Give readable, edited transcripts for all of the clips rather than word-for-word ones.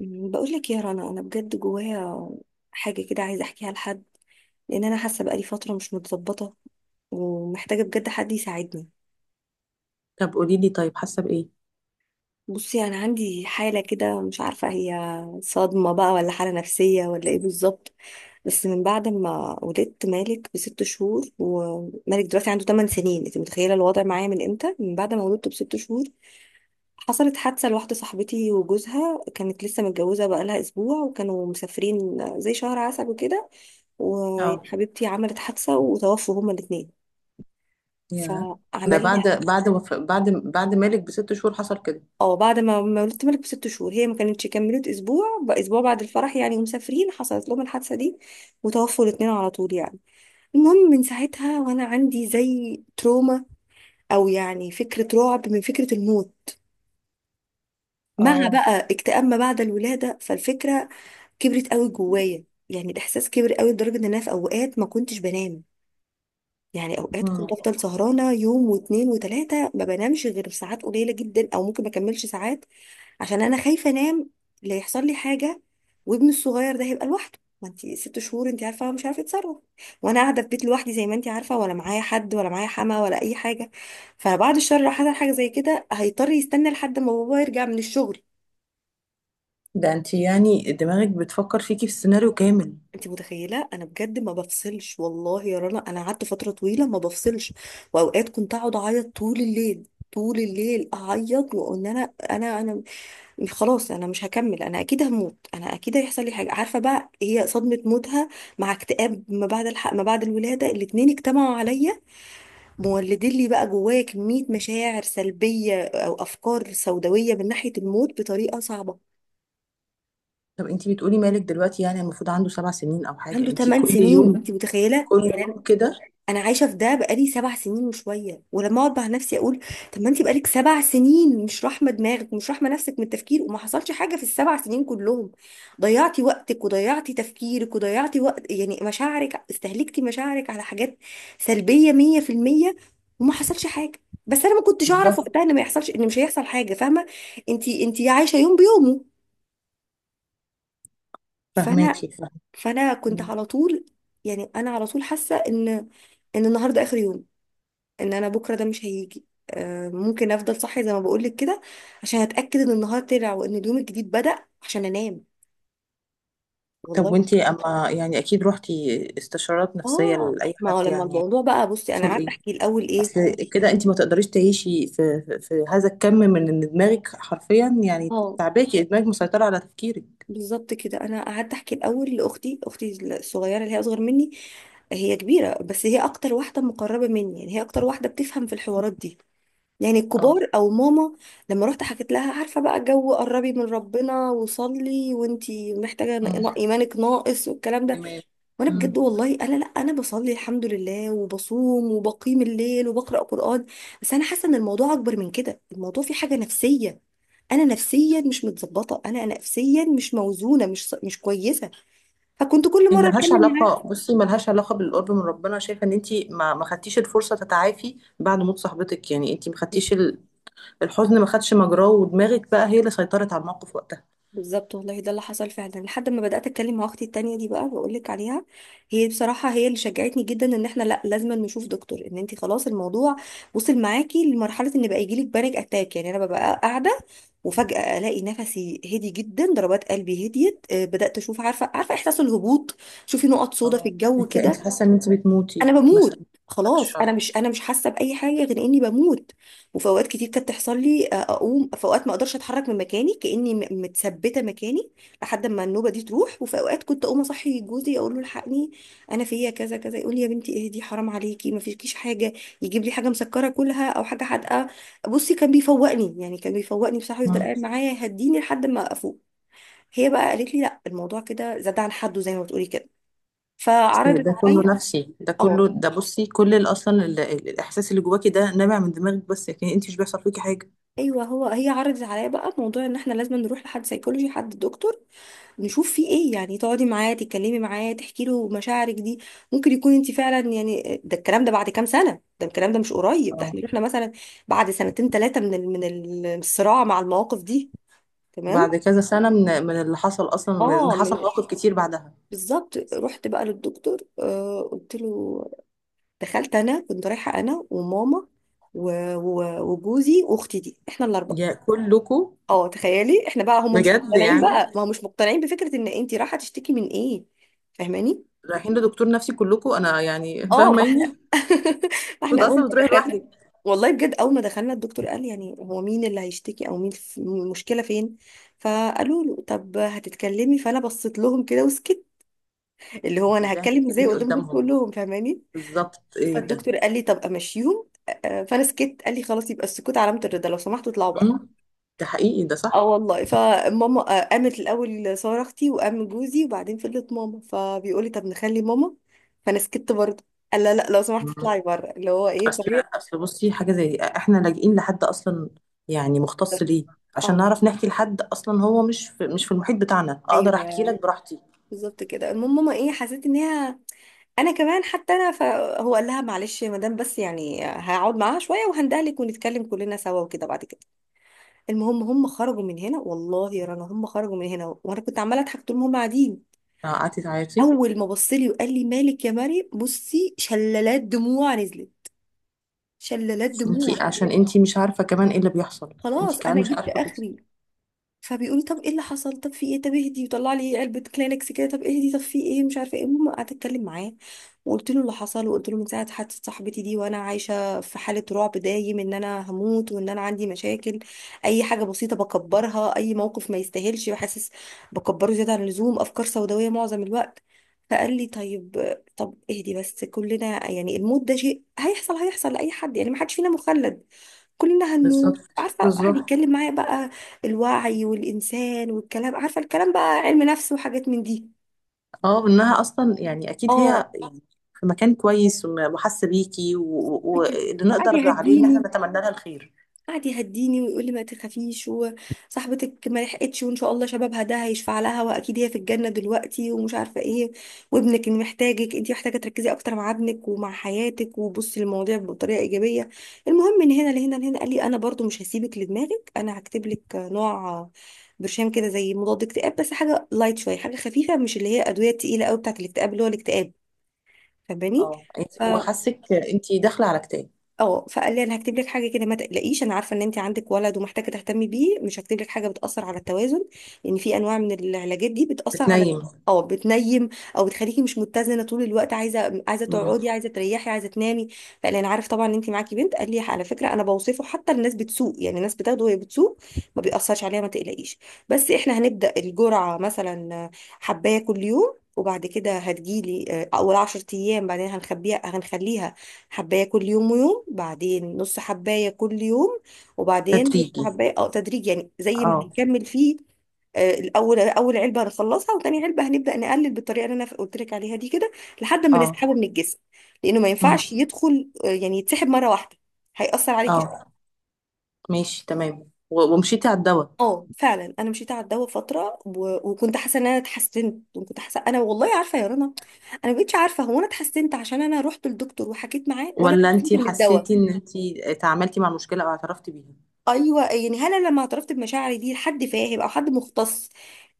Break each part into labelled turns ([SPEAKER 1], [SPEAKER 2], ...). [SPEAKER 1] بقول لك يا رنا، انا بجد جوايا حاجه كده عايزه احكيها لحد، لان انا حاسه بقالي فتره مش متظبطه ومحتاجه بجد حد يساعدني.
[SPEAKER 2] طب قولي لي، طيب حاسه بايه؟
[SPEAKER 1] بصي، انا عندي حاله كده مش عارفه هي صدمه بقى ولا حاله نفسيه ولا ايه بالظبط. بس من بعد ما ولدت مالك بست شهور، ومالك دلوقتي عنده 8 سنين، انت متخيله الوضع معايا من امتى؟ من بعد ما ولدته بست شهور حصلت حادثه لواحده صاحبتي وجوزها، كانت لسه متجوزه بقالها اسبوع وكانوا مسافرين زي شهر عسل وكده،
[SPEAKER 2] اه،
[SPEAKER 1] وحبيبتي عملت حادثة وتوفوا هما الاتنين.
[SPEAKER 2] يا. ده
[SPEAKER 1] فعمل
[SPEAKER 2] بعد
[SPEAKER 1] لي.
[SPEAKER 2] بعد وف... بعد بعد مالك بـ6 شهور حصل كده؟
[SPEAKER 1] اه، بعد ما ولدت ملك بست شهور، هي ما كانتش كملت اسبوع، بقى اسبوع بعد الفرح يعني ومسافرين، حصلت لهم الحادثة دي وتوفوا الاتنين على طول يعني. المهم من ساعتها وانا عندي زي تروما، او يعني فكرة رعب من فكرة الموت، مع
[SPEAKER 2] اه.
[SPEAKER 1] بقى اكتئاب ما بعد الولادة، فالفكرة كبرت قوي جوايا، يعني الاحساس كبر قوي لدرجة ان انا في اوقات ما كنتش بنام. يعني اوقات كنت
[SPEAKER 2] مم.
[SPEAKER 1] افضل سهرانه يوم واتنين وتلاته، ما بنامش غير ساعات قليله جدا او ممكن ما اكملش ساعات، عشان انا خايفه انام لا يحصل لي حاجه وابني الصغير ده هيبقى لوحده. ما انت 6 شهور، انت عارفه هو مش عارفه يتصرف، وانا قاعده في بيت لوحدي زي ما انت عارفه، ولا معايا حد ولا معايا حما ولا اي حاجه. فبعد الشر لو حصل حاجه زي كده هيضطر يستنى لحد ما بابا يرجع من الشغل.
[SPEAKER 2] ده انت يعني دماغك بتفكر فيكي في السيناريو كامل.
[SPEAKER 1] انت متخيله؟ انا بجد ما بفصلش والله يا رنا، انا قعدت فتره طويله ما بفصلش، واوقات كنت اقعد اعيط طول الليل، طول الليل اعيط، وان انا خلاص انا مش هكمل، انا اكيد هموت، انا اكيد هيحصل لي حاجه. عارفه بقى هي صدمه موتها مع اكتئاب ما بعد الولاده، الاتنين اجتمعوا عليا مولدين لي بقى جوايا كميه مشاعر سلبيه او افكار سوداويه من ناحيه الموت بطريقه صعبه.
[SPEAKER 2] طب انت بتقولي مالك دلوقتي يعني المفروض عنده 7 سنين او حاجه،
[SPEAKER 1] عنده
[SPEAKER 2] انت
[SPEAKER 1] 8
[SPEAKER 2] كل
[SPEAKER 1] سنين
[SPEAKER 2] يوم؟
[SPEAKER 1] انت متخيله
[SPEAKER 2] كل
[SPEAKER 1] يعني.
[SPEAKER 2] يوم كده.
[SPEAKER 1] انا عايشه في ده بقالي 7 سنين وشويه، ولما اقعد مع نفسي اقول، طب ما انت بقالك 7 سنين مش راحمه دماغك ومش راحمه نفسك من التفكير، وما حصلش حاجه في ال7 سنين كلهم، ضيعتي وقتك وضيعتي تفكيرك وضيعتي وقت يعني مشاعرك، استهلكتي مشاعرك على حاجات سلبيه 100%، وما حصلش حاجه. بس انا ما كنتش اعرف وقتها ان
[SPEAKER 2] بالظبط.
[SPEAKER 1] ما يحصلش، ان مش هيحصل حاجه. فاهمه؟ انت عايشه يوم بيومه. فانا،
[SPEAKER 2] فهماكي.
[SPEAKER 1] فانا كنت
[SPEAKER 2] مم.
[SPEAKER 1] على طول يعني، انا على طول حاسه ان ان النهارده اخر يوم، ان انا بكره ده مش هيجي. ممكن افضل صاحيه زي ما بقولك كده عشان اتاكد ان النهار طلع وان اليوم الجديد بدأ عشان انام
[SPEAKER 2] طب
[SPEAKER 1] والله.
[SPEAKER 2] وانت اما يعني اكيد روحتي استشارات نفسيه
[SPEAKER 1] اه،
[SPEAKER 2] لاي
[SPEAKER 1] ما
[SPEAKER 2] حد
[SPEAKER 1] هو لما
[SPEAKER 2] يعني؟
[SPEAKER 1] الموضوع بقى، بصي انا
[SPEAKER 2] حصل
[SPEAKER 1] قعدت
[SPEAKER 2] ايه؟
[SPEAKER 1] احكي الاول ايه.
[SPEAKER 2] اصل كده انت ما تقدريش تعيشي في هذا الكم من ان دماغك حرفيا، يعني
[SPEAKER 1] اه،
[SPEAKER 2] تعباكي دماغك، مسيطرة على تفكيرك.
[SPEAKER 1] بالظبط كده، انا قعدت احكي الاول لاختي، اختي الصغيره اللي هي اصغر مني، هي كبيره بس هي اكتر واحده مقربه مني، يعني هي اكتر واحده بتفهم في الحوارات دي، يعني
[SPEAKER 2] اه.
[SPEAKER 1] الكبار او ماما. لما رحت حكيت لها، عارفه بقى، جو قربي من ربنا وصلي وانتي محتاجه
[SPEAKER 2] امم
[SPEAKER 1] ايمانك ناقص والكلام ده.
[SPEAKER 2] تمام.
[SPEAKER 1] وانا
[SPEAKER 2] امم
[SPEAKER 1] بجد والله انا، لا انا بصلي الحمد لله وبصوم وبقيم الليل وبقرا قران. بس انا حاسه ان الموضوع اكبر من كده، الموضوع فيه حاجه نفسيه، انا نفسيا مش متظبطه، انا نفسيا مش موزونه، مش كويسه. فكنت كل
[SPEAKER 2] هي
[SPEAKER 1] مره
[SPEAKER 2] ملهاش
[SPEAKER 1] اتكلم
[SPEAKER 2] علاقة، بصي ملهاش علاقة بالقرب من ربنا، شايفة ان انتي ما خدتيش الفرصة تتعافي بعد موت صاحبتك، يعني انتي ما خدتيش
[SPEAKER 1] معاها.
[SPEAKER 2] الحزن، ما خدش مجراه ودماغك بقى هي اللي سيطرت على الموقف وقتها.
[SPEAKER 1] بالظبط والله، ده اللي حصل فعلا، لحد ما بدأت اتكلم مع اختي التانية دي بقى، بقول لك عليها، هي بصراحة هي اللي شجعتني جدا ان احنا لا لازم نشوف دكتور، ان انت خلاص الموضوع وصل معاكي لمرحلة ان بقى يجيلك بانيك اتاك. يعني انا ببقى قاعدة وفجأة الاقي نفسي هدي جدا، ضربات قلبي هديت، بدأت اشوف، عارفة احساس الهبوط، شوفي نقط سودا في
[SPEAKER 2] اه.
[SPEAKER 1] الجو
[SPEAKER 2] انتي
[SPEAKER 1] كده.
[SPEAKER 2] انتي حاسة ان انتي
[SPEAKER 1] انا
[SPEAKER 2] بتموتي
[SPEAKER 1] بموت،
[SPEAKER 2] مثلا؟ بعد
[SPEAKER 1] خلاص انا
[SPEAKER 2] الشر.
[SPEAKER 1] مش، انا مش حاسه باي حاجه غير اني بموت. وفي اوقات كتير كانت تحصل لي، اقوم في اوقات ما اقدرش اتحرك من مكاني، كاني متثبته مكاني لحد ما النوبه دي تروح. وفي اوقات كنت اقوم اصحي جوزي اقول له الحقني، انا فيا كذا كذا. يقول لي يا بنتي اهدي، حرام عليكي ما فيكيش حاجه. يجيب لي حاجه مسكره كلها او حاجه حادقه. بصي كان بيفوقني، يعني كان بيفوقني بصراحه، يفضل قاعد معايا يهديني لحد ما افوق. هي بقى قالت لي لا، الموضوع كده زاد عن حده زي ما بتقولي كده.
[SPEAKER 2] اصل
[SPEAKER 1] فعرضت
[SPEAKER 2] ده كله
[SPEAKER 1] عليا.
[SPEAKER 2] نفسي، ده
[SPEAKER 1] اه.
[SPEAKER 2] كله، ده بصي اصلا الاحساس اللي جواكي ده نابع من دماغك بس، لكن انت مش بيحصل فيكي حاجه.
[SPEAKER 1] ايوه، هو، هي عرضت عليا بقى موضوع ان احنا لازم نروح لحد سيكولوجي، حد دكتور، نشوف فيه ايه. يعني تقعدي معاه تتكلمي معاه تحكي له مشاعرك دي، ممكن يكون انت فعلا يعني، ده الكلام ده بعد كام سنه، ده الكلام ده مش قريب، ده احنا
[SPEAKER 2] اه.
[SPEAKER 1] احنا مثلا بعد سنتين ثلاثه من الصراع مع المواقف دي. تمام.
[SPEAKER 2] بعد كذا سنه من اللي حصل اصلا، من إن
[SPEAKER 1] اه
[SPEAKER 2] حصل
[SPEAKER 1] من،
[SPEAKER 2] مواقف كتير بعدها.
[SPEAKER 1] بالظبط. رحت بقى للدكتور، قلت له، دخلت، انا كنت رايحه انا وماما وجوزي واختي دي، احنا الاربعه.
[SPEAKER 2] يا كلكم؟
[SPEAKER 1] اه تخيلي، احنا بقى هم مش
[SPEAKER 2] بجد
[SPEAKER 1] مقتنعين
[SPEAKER 2] يعني؟
[SPEAKER 1] بقى، ما هم مش مقتنعين بفكرة ان انت رايحة تشتكي من ايه. فاهماني؟
[SPEAKER 2] رايحين لدكتور نفسي كلكم؟ انا يعني
[SPEAKER 1] اه ما
[SPEAKER 2] فاهماني.
[SPEAKER 1] احنا، ما
[SPEAKER 2] كنت
[SPEAKER 1] احنا اول
[SPEAKER 2] اصلا
[SPEAKER 1] ما
[SPEAKER 2] بتروحي
[SPEAKER 1] دخلنا،
[SPEAKER 2] لوحدك؟
[SPEAKER 1] والله بجد اول ما دخلنا، الدكتور قال يعني، هو مين اللي هيشتكي او مين المشكلة فين؟ فقالوا له طب هتتكلمي. فانا بصيت لهم كده وسكت، اللي هو
[SPEAKER 2] انت
[SPEAKER 1] انا
[SPEAKER 2] ازاي
[SPEAKER 1] هتكلم ازاي
[SPEAKER 2] هتتكلمي
[SPEAKER 1] قدام دول
[SPEAKER 2] قدامهم؟
[SPEAKER 1] كلهم؟ فاهماني؟
[SPEAKER 2] بالظبط، ايه ده؟
[SPEAKER 1] فالدكتور قال لي طب امشيهم. فانا سكت، قال لي خلاص يبقى السكوت علامة الرضا، لو سمحتوا اطلعوا بره.
[SPEAKER 2] مم؟ ده حقيقي، ده
[SPEAKER 1] اه
[SPEAKER 2] صح.
[SPEAKER 1] والله، فماما قامت الاول، ساره اختي وقام جوزي، وبعدين فضلت ماما، فبيقول لي طب نخلي ماما، فانا سكت برضه، قال لا لا، لو سمحت اطلعي بره، اللي هو ايه،
[SPEAKER 2] اصل
[SPEAKER 1] فهي.
[SPEAKER 2] اصل بصي حاجه زي دي احنا لاجئين لحد اصلا، يعني مختص ليه؟ عشان
[SPEAKER 1] اه.
[SPEAKER 2] نعرف نحكي لحد اصلا، هو مش في المحيط بتاعنا اقدر احكي
[SPEAKER 1] ايوه
[SPEAKER 2] لك براحتي.
[SPEAKER 1] بالظبط كده. المهم ماما، ايه، حسيت ان هي انا كمان، حتى انا، فهو قال لها معلش يا مدام، بس يعني هقعد معاها شويه وهندهلك ونتكلم كلنا سوا وكده بعد كده. المهم هم خرجوا من هنا، والله يا رنا هم خرجوا من هنا وانا كنت عماله اضحك طول ما هم قاعدين.
[SPEAKER 2] قعدتي تعيطي؟
[SPEAKER 1] اول ما بص لي وقال لي مالك يا مريم، بصي شلالات دموع نزلت، شلالات دموع
[SPEAKER 2] انتي عشان
[SPEAKER 1] بجد،
[SPEAKER 2] انتي مش عارفه كمان ايه اللي بيحصل. انتي
[SPEAKER 1] خلاص
[SPEAKER 2] كمان
[SPEAKER 1] انا
[SPEAKER 2] مش
[SPEAKER 1] جبت
[SPEAKER 2] عارفه بت-
[SPEAKER 1] اخري. فبيقول لي طب ايه اللي حصل، طب في ايه، طب اهدي، وطلع لي علبه كلينكس كده، طب اهدي، طب في ايه، مش عارفه ايه. المهم قعدت اتكلم معاه وقلت له اللي حصل، وقلت له من ساعه حادثه صاحبتي دي وانا عايشه في حاله رعب دايم ان انا هموت وان انا عندي مشاكل، اي حاجه بسيطه بكبرها، اي موقف ما يستاهلش بحسس بكبره زياده عن اللزوم، افكار سوداويه معظم الوقت. فقال لي طيب، طب اهدي بس، كلنا يعني الموت ده شيء هيحصل، هيحصل لاي حد، يعني ما حدش فينا مخلد كلنا
[SPEAKER 2] بالظبط.
[SPEAKER 1] هنموت. عارفة قعد
[SPEAKER 2] بالظبط.
[SPEAKER 1] يتكلم معايا بقى، الوعي والإنسان والكلام، عارفة الكلام بقى علم نفس وحاجات من دي.
[SPEAKER 2] اه، انها اصلا يعني اكيد
[SPEAKER 1] اه
[SPEAKER 2] هي في مكان كويس وحاسه بيكي
[SPEAKER 1] كده.
[SPEAKER 2] واللي
[SPEAKER 1] وقعد
[SPEAKER 2] نقدر عليه ان احنا
[SPEAKER 1] يهديني،
[SPEAKER 2] نتمنى لها الخير.
[SPEAKER 1] قعد يهديني ويقول لي ما تخافيش، وصاحبتك ما لحقتش وان شاء الله شبابها ده هيشفع لها واكيد هي في الجنه دلوقتي، ومش عارفه ايه. وابنك اللي محتاجك، انت محتاجه تركزي اكتر مع ابنك ومع حياتك وبصي للمواضيع بطريقه ايجابيه. المهم، من هنا لهنا، قال لي انا برضو مش هسيبك لدماغك، انا هكتب لك نوع برشام كده زي مضاد اكتئاب، بس حاجه لايت شويه، حاجه خفيفه، مش اللي هي ادويه تقيله قوي بتاعت الاكتئاب، اللي هو الاكتئاب. فاهماني؟
[SPEAKER 2] اه. انتي هو حاسك؟ انتي داخله على كتاب.
[SPEAKER 1] اه. فقال لي انا هكتب لك حاجه كده، ما تقلقيش، انا عارفه ان انت عندك ولد ومحتاجه تهتمي بيه، مش هكتب لك حاجه بتاثر على التوازن، لان في انواع من العلاجات دي بتاثر على،
[SPEAKER 2] بتنيم.
[SPEAKER 1] اه بتنيم او بتخليكي مش متزنه طول الوقت، عايزه
[SPEAKER 2] مم.
[SPEAKER 1] تقعدي، عايزه تريحي، عايزه تنامي. فقال لي انا عارف طبعا ان انت معاكي بنت، قال لي على فكره انا بوصفه حتى الناس بتسوق، يعني الناس بتاخده وهي بتسوق، ما بيأثرش عليها، ما تقلقيش. بس احنا هنبدا الجرعه مثلا حبايه كل يوم، وبعد كده هتجيلي، اول 10 ايام بعدين هنخبيها، هنخليها حباية كل يوم ويوم، بعدين نص حباية كل يوم، وبعدين نص
[SPEAKER 2] تدريجي.
[SPEAKER 1] حباية، اه، تدريج يعني، زي ما
[SPEAKER 2] اه.
[SPEAKER 1] هنكمل فيه. الاول اول علبه هنخلصها، وتاني علبه هنبدا نقلل بالطريقه اللي انا قلت لك عليها دي كده لحد ما
[SPEAKER 2] اه.
[SPEAKER 1] نسحبه من الجسم، لانه ما
[SPEAKER 2] مم.
[SPEAKER 1] ينفعش يدخل، يعني يتسحب مره واحده، هيأثر عليكي شويه.
[SPEAKER 2] اه. ماشي، تمام. ومشيتي على الدواء؟
[SPEAKER 1] اه فعلا انا مشيت على الدواء فتره، وكنت حاسه ان انا اتحسنت، وكنت حاسه، انا والله عارفه يا رنا، انا ما بقتش عارفه هو انا اتحسنت عشان انا رحت للدكتور وحكيت معاه، ولا
[SPEAKER 2] ولا
[SPEAKER 1] اتحسنت
[SPEAKER 2] انتي
[SPEAKER 1] من الدواء.
[SPEAKER 2] حسيتي ان انتي اتعاملتي مع المشكلة او اعترفتي بيها؟
[SPEAKER 1] ايوه يعني، هل انا لما اعترفت بمشاعري دي لحد فاهم او حد مختص،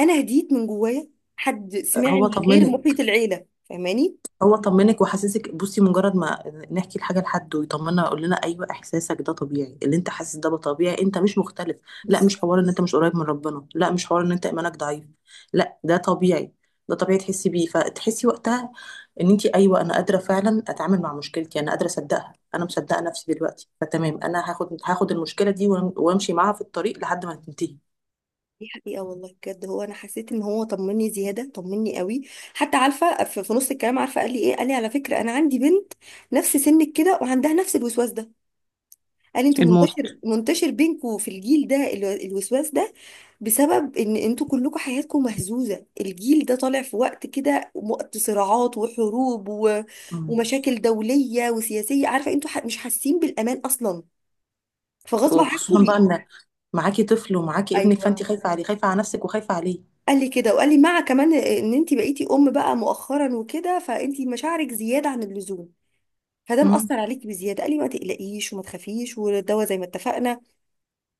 [SPEAKER 1] انا هديت من جوايا، حد
[SPEAKER 2] هو
[SPEAKER 1] سمعني غير
[SPEAKER 2] طمنك.
[SPEAKER 1] محيط العيله. فاهماني؟
[SPEAKER 2] هو طمنك وحسسك، بصي مجرد ما نحكي الحاجه لحد ويطمننا يقول لنا ايوه احساسك ده طبيعي، اللي انت حاسس ده طبيعي، انت مش مختلف. لا، مش
[SPEAKER 1] بالظبط.
[SPEAKER 2] حوار ان انت مش قريب من ربنا، لا، مش حوار ان انت ايمانك ضعيف. لا، ده طبيعي. ده طبيعي تحسي بيه، فتحسي وقتها ان انت ايوه انا قادره فعلا اتعامل مع مشكلتي، انا قادره اصدقها، انا مصدقه نفسي دلوقتي فتمام، انا هاخد المشكله دي وامشي معاها في الطريق لحد ما تنتهي.
[SPEAKER 1] دي حقيقة والله بجد هو، أنا حسيت إن هو طمني زيادة، طمني قوي. حتى عارفة في نص الكلام، عارفة قال لي إيه، قال لي على فكرة أنا عندي بنت نفس سنك كده وعندها نفس الوسواس ده، قال لي أنتوا
[SPEAKER 2] الموت.
[SPEAKER 1] منتشر بينكوا في الجيل ده الوسواس ده، بسبب ان انتوا كلكم حياتكم مهزوزة، الجيل ده طالع في وقت كده، وقت صراعات وحروب
[SPEAKER 2] مم.
[SPEAKER 1] ومشاكل دولية وسياسية، عارفة انتوا مش حاسين بالامان اصلا، فغصب عنكم
[SPEAKER 2] وخصوصا بقى ان معاكي طفل، ومعاكي ابنك، فانت
[SPEAKER 1] ايوه.
[SPEAKER 2] خايفه عليه، خايفه على نفسك وخايفه عليه.
[SPEAKER 1] قال لي كده، وقال لي مع كمان ان انت بقيتي ام بقى مؤخرا وكده، فانت مشاعرك زيادة عن اللزوم، فده
[SPEAKER 2] مم.
[SPEAKER 1] مأثر عليكي بزيادة، قال لي ما تقلقيش وما تخافيش، والدواء زي ما اتفقنا.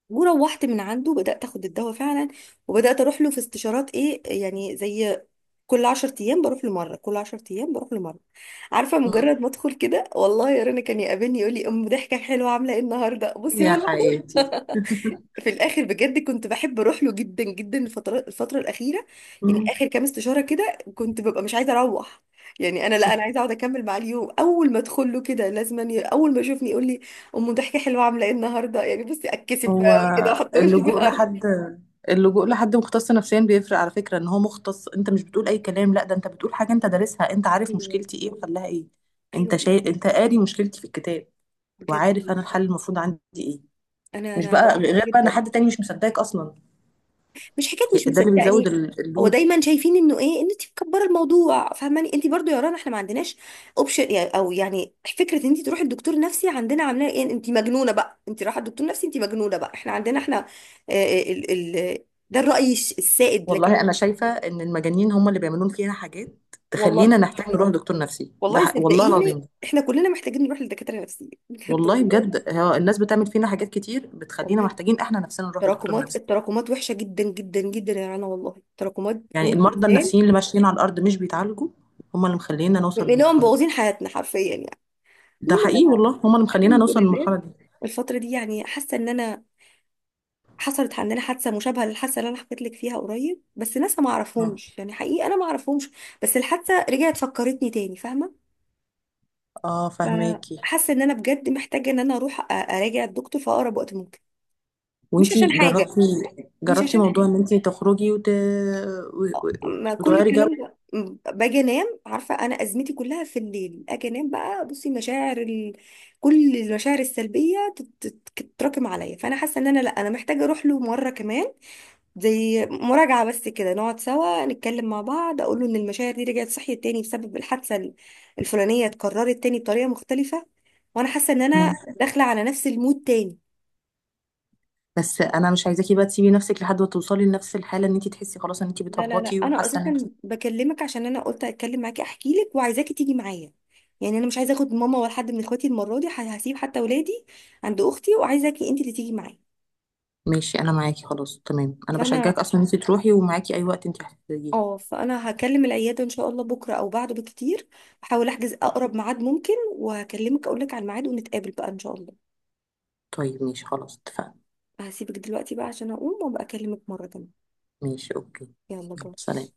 [SPEAKER 1] وروحت من عنده بدأت اخد الدواء فعلا، وبدأت اروح له في استشارات، ايه يعني، زي كل 10 ايام بروح لمره، كل 10 ايام بروح لمره. عارفه
[SPEAKER 2] مم.
[SPEAKER 1] مجرد ما ادخل كده، والله يا رنا كان يقابلني يقول لي، ام ضحكه حلوه، عامله ايه النهارده، بصي هو
[SPEAKER 2] يا
[SPEAKER 1] لوحده.
[SPEAKER 2] حياتي.
[SPEAKER 1] في الاخر بجد كنت بحب اروح له جدا جدا، الفتره الاخيره يعني،
[SPEAKER 2] مم.
[SPEAKER 1] اخر كام استشاره كده كنت ببقى مش عايزه اروح، يعني انا لا، انا عايزه اقعد اكمل معاه اليوم، اول ما ادخل له كده لازم اول ما يشوفني يقول لي، ام ضحكه حلوه، عامله ايه النهارده، يعني بصي اتكسف بقى
[SPEAKER 2] هو.
[SPEAKER 1] كده واحط وشي في
[SPEAKER 2] اللجوء
[SPEAKER 1] الارض.
[SPEAKER 2] لحد. اللجوء لحد مختص نفسيا بيفرق، على فكرة ان هو مختص، انت مش بتقول اي كلام، لا ده انت بتقول حاجة انت دارسها، انت عارف
[SPEAKER 1] ايوه.
[SPEAKER 2] مشكلتي ايه وحلها ايه.
[SPEAKER 1] ايوه
[SPEAKER 2] انت قاري مشكلتي في الكتاب.
[SPEAKER 1] بجد
[SPEAKER 2] وعارف انا
[SPEAKER 1] والله
[SPEAKER 2] الحل المفروض عندي ايه.
[SPEAKER 1] انا
[SPEAKER 2] مش
[SPEAKER 1] انا
[SPEAKER 2] بقى
[SPEAKER 1] بروح
[SPEAKER 2] غير بقى ان
[SPEAKER 1] جدا.
[SPEAKER 2] حد تاني مش مصدقك اصلا.
[SPEAKER 1] مش حكايه مش
[SPEAKER 2] ده اللي بيزود
[SPEAKER 1] مصدقني، هو
[SPEAKER 2] اللود.
[SPEAKER 1] دايما شايفين انه ايه، ان انت مكبره الموضوع. فاهماني؟ انت برضو يا رنا احنا ما عندناش اوبشن يعني، او يعني فكره ان انت تروحي الدكتور نفسي عندنا عاملاه ايه، انت مجنونه بقى، انت رايحه الدكتور نفسي انت مجنونه بقى، احنا عندنا احنا، آه، ال ال ده الراي السائد،
[SPEAKER 2] والله
[SPEAKER 1] لكن
[SPEAKER 2] انا شايفة ان المجانين هم اللي بيعملون فينا حاجات تخلينا
[SPEAKER 1] والله،
[SPEAKER 2] نحتاج نروح دكتور نفسي، ده
[SPEAKER 1] والله
[SPEAKER 2] والله
[SPEAKER 1] صدقيني،
[SPEAKER 2] العظيم.
[SPEAKER 1] احنا كلنا محتاجين نروح لدكاتره نفسيين بجد
[SPEAKER 2] والله
[SPEAKER 1] والله.
[SPEAKER 2] بجد، هو الناس بتعمل فينا حاجات كتير بتخلينا
[SPEAKER 1] والله
[SPEAKER 2] محتاجين احنا نفسنا نروح لدكتور
[SPEAKER 1] التراكمات
[SPEAKER 2] نفسي.
[SPEAKER 1] التراكمات وحشه جدا جدا جدا يا رنا والله، التراكمات
[SPEAKER 2] يعني
[SPEAKER 1] جوه
[SPEAKER 2] المرضى
[SPEAKER 1] الانسان،
[SPEAKER 2] النفسيين اللي ماشيين على الارض مش بيتعالجوا هم اللي مخلينا نوصل
[SPEAKER 1] لانهم
[SPEAKER 2] للمرحله دي.
[SPEAKER 1] مبوظين حياتنا حرفيا يعني.
[SPEAKER 2] ده حقيقي والله، هم اللي مخلينا
[SPEAKER 1] الحمد
[SPEAKER 2] نوصل
[SPEAKER 1] لله،
[SPEAKER 2] للمرحله دي.
[SPEAKER 1] الفترة دي يعني حاسة ان انا، حصلت عندنا حادثة مشابهة للحادثة اللي انا حكيت لك فيها قريب، بس ناس ما
[SPEAKER 2] اه.
[SPEAKER 1] اعرفهمش يعني، حقيقي انا ما اعرفهمش، بس الحادثة رجعت فكرتني تاني. فاهمة؟
[SPEAKER 2] فهماكي.
[SPEAKER 1] فحاسة ان انا بجد محتاجة ان انا اروح اراجع الدكتور في اقرب وقت ممكن، مش عشان
[SPEAKER 2] وانتي
[SPEAKER 1] حاجة،
[SPEAKER 2] جربتي؟
[SPEAKER 1] مش
[SPEAKER 2] جربتي
[SPEAKER 1] عشان
[SPEAKER 2] موضوع
[SPEAKER 1] حاجة،
[SPEAKER 2] ان انتي تخرجي و...
[SPEAKER 1] ما كل
[SPEAKER 2] وتغيري جو؟
[SPEAKER 1] الكلام ده باجي انام. عارفة انا ازمتي كلها في الليل، اجي انام بقى بصي مشاعر كل المشاعر السلبية تتراكم عليا، فانا حاسة ان انا لا، انا محتاجة اروح له مرة كمان، زي مراجعة بس كده، نقعد سوا نتكلم مع بعض، اقول له ان المشاعر دي رجعت صحيت تاني بسبب الحادثة الفلانية اتكررت تاني بطريقة مختلفة، وانا حاسة ان انا
[SPEAKER 2] مم.
[SPEAKER 1] داخلة على نفس المود تاني.
[SPEAKER 2] بس انا مش عايزاكي بقى تسيبي نفسك لحد ما توصلي لنفس الحاله ان انتي تحسي خلاص ان انتي
[SPEAKER 1] لا لا لا،
[SPEAKER 2] بتهبطي
[SPEAKER 1] انا
[SPEAKER 2] وحاسه ان انتي.
[SPEAKER 1] اصلا بكلمك عشان انا قلت اتكلم معاكي احكي لك وعايزاكي تيجي معايا، يعني انا مش عايزه اخد ماما ولا حد من اخواتي المره دي، هسيب حتى ولادي عند اختي، وعايزاكي انت اللي تيجي معايا.
[SPEAKER 2] ماشي، انا معاكي خلاص، تمام. انا بشجعك
[SPEAKER 1] فانا،
[SPEAKER 2] اصلا ان انتي تروحي، ومعاكي اي وقت انتي هتحتاجيه.
[SPEAKER 1] اه فانا هكلم العياده ان شاء الله بكره او بعده بكتير، احاول احجز اقرب ميعاد ممكن، وهكلمك اقول لك على الميعاد، ونتقابل بقى ان شاء الله.
[SPEAKER 2] طيب ماشي، خلاص اتفقنا.
[SPEAKER 1] هسيبك دلوقتي بقى عشان اقوم وابقى اكلمك مره تانية.
[SPEAKER 2] ماشي، اوكي.
[SPEAKER 1] يلا
[SPEAKER 2] يلا
[SPEAKER 1] باي.
[SPEAKER 2] سلام.